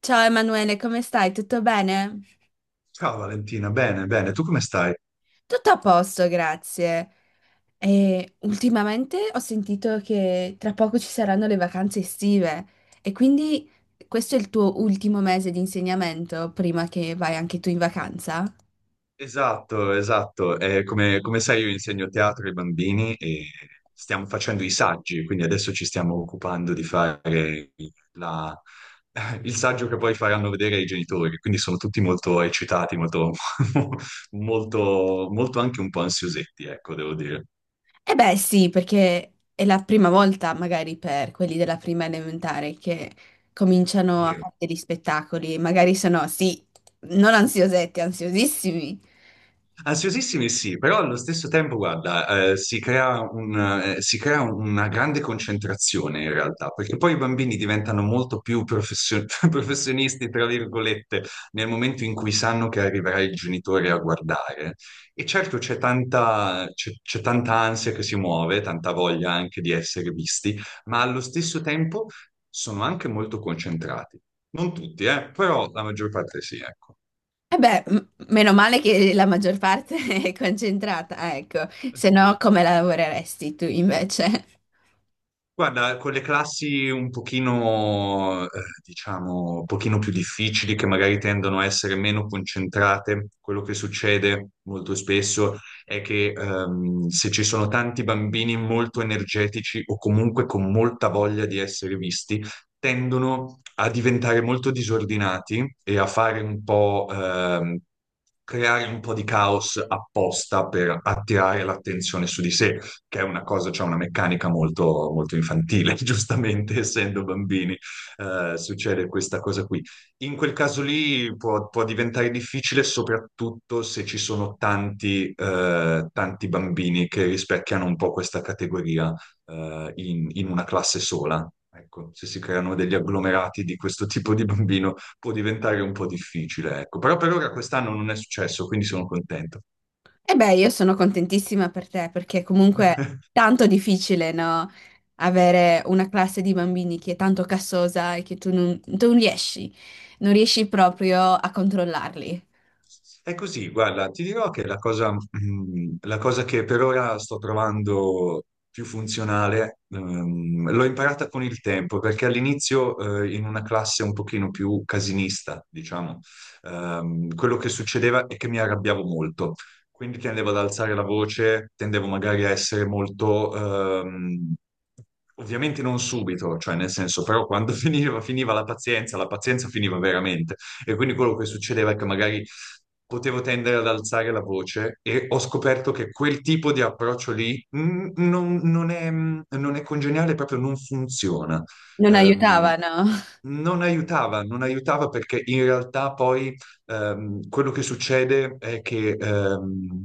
Ciao Emanuele, come stai? Tutto bene? Ciao Valentina, bene, bene, tu come stai? Tutto a posto, grazie. E ultimamente ho sentito che tra poco ci saranno le vacanze estive e quindi questo è il tuo ultimo mese di insegnamento prima che vai anche tu in vacanza? Esatto, esatto. Come sai io insegno teatro ai bambini e stiamo facendo i saggi, quindi adesso ci stiamo occupando di fare la- il saggio che poi faranno vedere ai genitori, quindi sono tutti molto eccitati, molto, molto, molto anche un po' ansiosetti, ecco, devo dire. Eh beh, sì, perché è la prima volta, magari per quelli della prima elementare, che cominciano a fare degli spettacoli, magari sono, sì, non ansiosetti, ansiosissimi. Ansiosissimi sì, però allo stesso tempo, guarda, si crea un, si crea una grande concentrazione in realtà, perché poi i bambini diventano molto più professionisti, tra virgolette, nel momento in cui sanno che arriverà il genitore a guardare. E certo c'è tanta, c'è tanta ansia che si muove, tanta voglia anche di essere visti, ma allo stesso tempo sono anche molto concentrati. Non tutti, però la maggior parte sì, ecco. Eh beh, meno male che la maggior parte è concentrata, ecco, Eh se sì. no come lavoreresti tu invece? Guarda, con le classi un pochino, diciamo, un pochino più difficili, che magari tendono a essere meno concentrate, quello che succede molto spesso è che se ci sono tanti bambini molto energetici o comunque con molta voglia di essere visti, tendono a diventare molto disordinati e a fare un po', creare un po' di caos apposta per attirare l'attenzione su di sé che è una cosa, cioè una meccanica molto, molto infantile, giustamente, essendo bambini, succede questa cosa qui. In quel caso lì può, può diventare difficile, soprattutto se ci sono tanti, tanti bambini che rispecchiano un po' questa categoria, in una classe sola. Ecco, se si creano degli agglomerati di questo tipo di bambino può diventare un po' difficile, ecco. Però per ora quest'anno non è successo, quindi sono contento. E beh, io sono contentissima per te perché comunque è tanto difficile, no? Avere una classe di bambini che è tanto cassosa e che tu non riesci, non riesci proprio a controllarli. È così, guarda, ti dirò che la cosa, la cosa che per ora sto trovando più funzionale, l'ho imparata con il tempo, perché all'inizio, in una classe un pochino più casinista, diciamo, quello che succedeva è che mi arrabbiavo molto, quindi tendevo ad alzare la voce, tendevo magari a essere molto, ehm, ovviamente non subito, cioè nel senso, però quando finiva, finiva la pazienza finiva veramente. E quindi quello che succedeva è che magari potevo tendere ad alzare la voce e ho scoperto che quel tipo di approccio lì non, non è, non è congeniale, proprio non funziona. Non Ehm, aiutavano. non aiutava, non aiutava perché in realtà poi quello che succede è che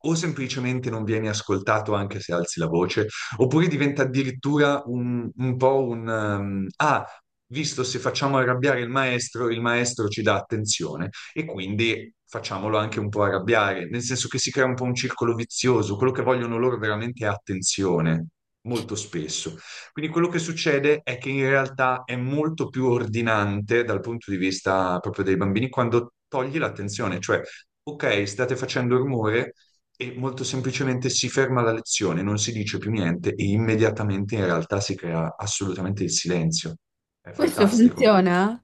o semplicemente non vieni ascoltato anche se alzi la voce, oppure diventa addirittura un po' un visto se facciamo arrabbiare il maestro ci dà attenzione e quindi facciamolo anche un po' arrabbiare, nel senso che si crea un po' un circolo vizioso, quello che vogliono loro veramente è attenzione, molto spesso. Quindi quello che succede è che in realtà è molto più ordinante dal punto di vista proprio dei bambini quando togli l'attenzione, cioè, ok, state facendo rumore e molto semplicemente si ferma la lezione, non si dice più niente e immediatamente in realtà si crea assolutamente il silenzio. È Questo fantastico. funziona?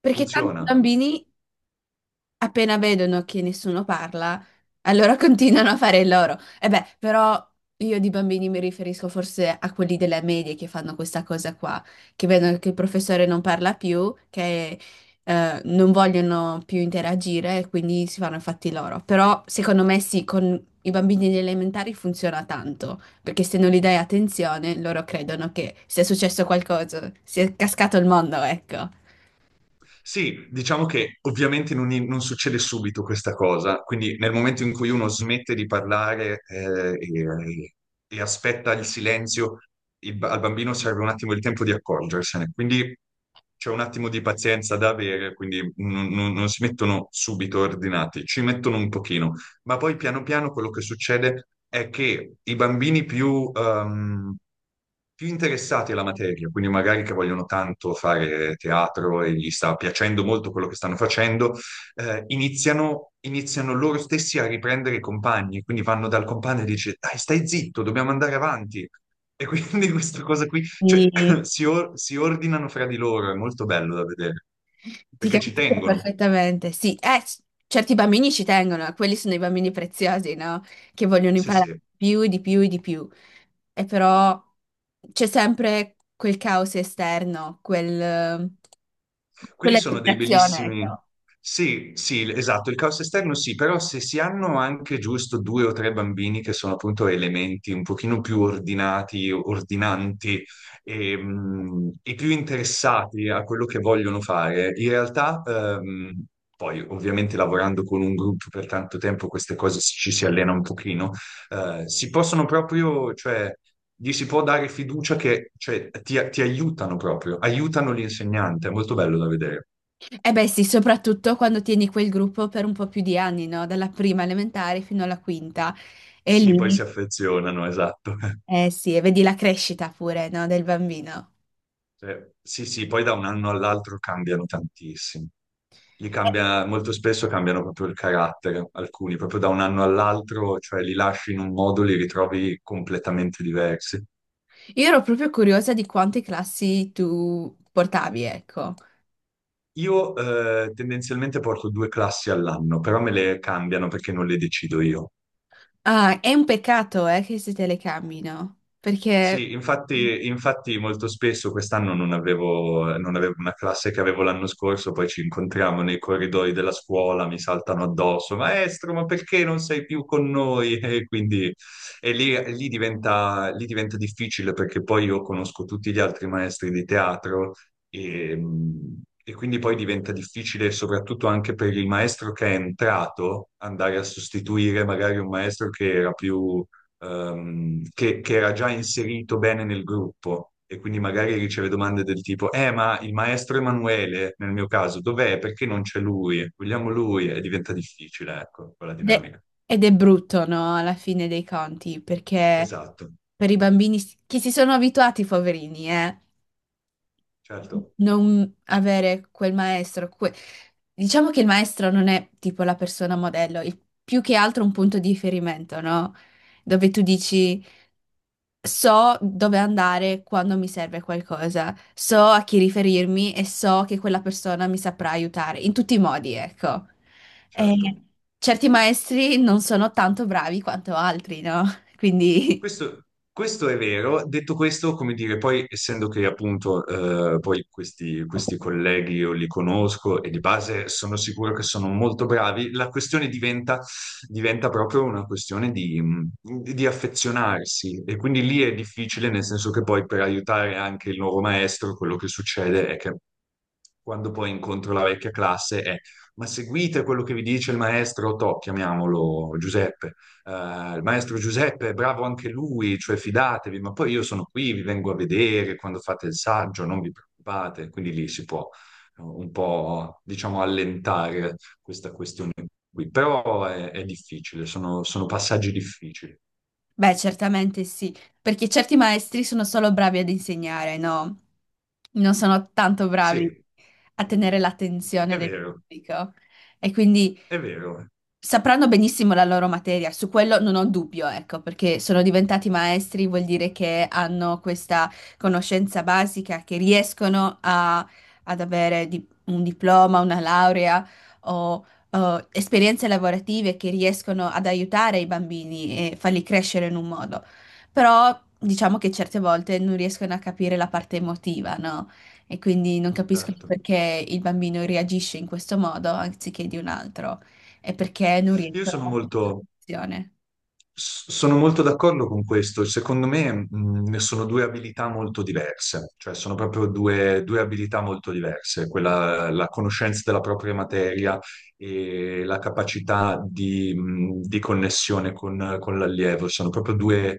Perché tanti Funziona. bambini appena vedono che nessuno parla, allora continuano a fare il loro. E beh, però io di bambini mi riferisco forse a quelli della media che fanno questa cosa qua, che vedono che il professore non parla più, che non vogliono più interagire e quindi si fanno i fatti loro. Però secondo me sì, con i bambini elementari funziona tanto, perché se non gli dai attenzione, loro credono che sia successo qualcosa, sia cascato il mondo, ecco. Sì, diciamo che ovviamente non, non succede subito questa cosa, quindi nel momento in cui uno smette di parlare e aspetta il silenzio, al bambino serve un attimo il tempo di accorgersene, quindi c'è un attimo di pazienza da avere, quindi non, non si mettono subito ordinati, ci mettono un pochino. Ma poi piano piano quello che succede è che i bambini più, più interessati alla materia, quindi magari che vogliono tanto fare teatro e gli sta piacendo molto quello che stanno facendo, iniziano loro stessi a riprendere i compagni, quindi vanno dal compagno e dice, dai, stai zitto, dobbiamo andare avanti. E quindi questa cosa qui, cioè, Sì. Si ordinano fra di loro, è molto bello da vedere, Ti perché ci capisco tengono. perfettamente, sì. Certi bambini ci tengono, quelli sono i bambini preziosi, no? Che vogliono Sì, imparare sì. di più, e di più, e di più. E però c'è sempre quel caos esterno, quel, Quelli quella sono dei distrazione, bellissimi. ecco. Sì, sì, esatto, il caos esterno sì, però se si hanno anche giusto due o tre bambini che sono appunto elementi un pochino più ordinati, ordinanti e più interessati a quello che vogliono fare, in realtà, poi ovviamente lavorando con un gruppo per tanto tempo queste cose ci si allena un pochino, si possono proprio, cioè gli si può dare fiducia che cioè, ti aiutano proprio, aiutano l'insegnante, è molto bello da vedere. Eh beh sì, soprattutto quando tieni quel gruppo per un po' più di anni, no? Dalla prima elementare fino alla quinta. E Sì, poi lì, si affezionano, esatto. eh sì, e vedi la crescita pure, no? Del bambino. Cioè, sì, sì, poi da un anno all'altro cambiano tantissimo. Gli cambia, molto spesso cambiano proprio il carattere, alcuni, proprio da un anno all'altro, cioè li lasci in un modo, li ritrovi completamente diversi. Io ero proprio curiosa di quante classi tu portavi, ecco. Io tendenzialmente porto due classi all'anno, però me le cambiano perché non le decido io. Ah, è un peccato, che si telecamino, perché... Sì, infatti, infatti molto spesso quest'anno non avevo, non avevo una classe che avevo l'anno scorso, poi ci incontriamo nei corridoi della scuola, mi saltano addosso, maestro, ma perché non sei più con noi? E quindi lì diventa difficile perché poi io conosco tutti gli altri maestri di teatro e, e quindi poi diventa difficile soprattutto anche per il maestro che è entrato andare a sostituire magari un maestro che era più che era già inserito bene nel gruppo e quindi magari riceve domande del tipo, ma il maestro Emanuele, nel mio caso, dov'è? Perché non c'è lui? Vogliamo lui? E diventa difficile, ecco, quella de- dinamica. Ed è brutto, no? Alla fine dei conti, perché Esatto, per i bambini che si sono abituati, poverini, certo, non avere quel maestro... Diciamo che il maestro non è tipo la persona modello, è più che altro un punto di riferimento, no? Dove tu dici... So dove andare quando mi serve qualcosa, so a chi riferirmi e so che quella persona mi saprà aiutare in tutti i modi, ecco. E certo. certi maestri non sono tanto bravi quanto altri, no? Quindi, Questo, questo è vero, detto questo, come dire, poi essendo che appunto poi questi colleghi io li conosco e di base sono sicuro che sono molto bravi, diventa proprio una questione di affezionarsi e quindi lì è difficile, nel senso che poi per aiutare anche il nuovo maestro quello che succede è che quando poi incontro la vecchia classe è ma seguite quello che vi dice il maestro Tò, chiamiamolo Giuseppe. Eh, il maestro Giuseppe è bravo anche lui, cioè fidatevi, ma poi io sono qui, vi vengo a vedere quando fate il saggio, non vi preoccupate. Quindi lì si può un po', diciamo, allentare questa questione qui. Però è difficile, sono, sono passaggi difficili. beh, certamente sì, perché certi maestri sono solo bravi ad insegnare, no? Non sono tanto bravi Sì, a tenere l'attenzione è del vero, pubblico. E quindi è vero, sapranno benissimo la loro materia, su quello non ho dubbio, ecco, perché sono diventati maestri, vuol dire che hanno questa conoscenza basica, che ad avere un diploma, una laurea o, o esperienze lavorative che riescono ad aiutare i bambini e farli crescere in un modo. Però diciamo che certe volte non riescono a capire la parte emotiva, no? E quindi non capiscono certo. perché il bambino reagisce in questo modo anziché di un altro e perché non Io riescono a sono mantenere la molto... relazione. Sono molto d'accordo con questo. Secondo me, ne sono due abilità molto diverse, cioè sono proprio due, due abilità molto diverse, quella, la conoscenza della propria materia e la capacità di connessione con l'allievo. Sono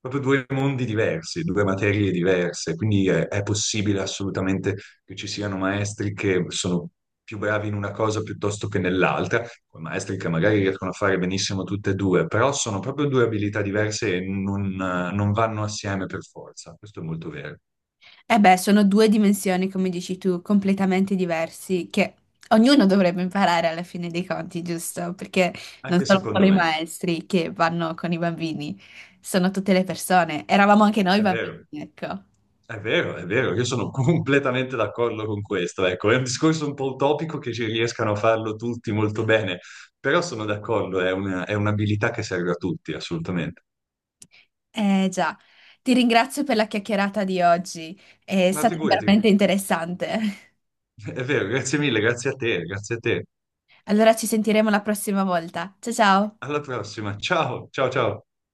proprio due mondi diversi, due materie diverse, quindi è possibile assolutamente che ci siano maestri che sono più bravi in una cosa piuttosto che nell'altra, con maestri che magari riescono a fare benissimo tutte e due, però sono proprio due abilità diverse e non, non vanno assieme per forza. Questo è molto vero. E beh, sono due dimensioni, come dici tu, completamente diversi, che ognuno dovrebbe imparare alla fine dei conti, giusto? Perché non Anche sono solo secondo i me. maestri che vanno con i bambini, sono tutte le persone. Eravamo anche noi È bambini, vero, ecco. è vero, è vero. Io sono completamente d'accordo con questo. Ecco, è un discorso un po' utopico che ci riescano a farlo tutti molto bene, però sono d'accordo, è un'abilità che serve a tutti, assolutamente. Eh già, ti ringrazio per la chiacchierata di oggi, è Ma stata figurati, veramente interessante. è vero, grazie mille, grazie a te, grazie a te. Allora ci sentiremo la prossima volta. Ciao ciao! Alla prossima. Ciao, ciao, ciao.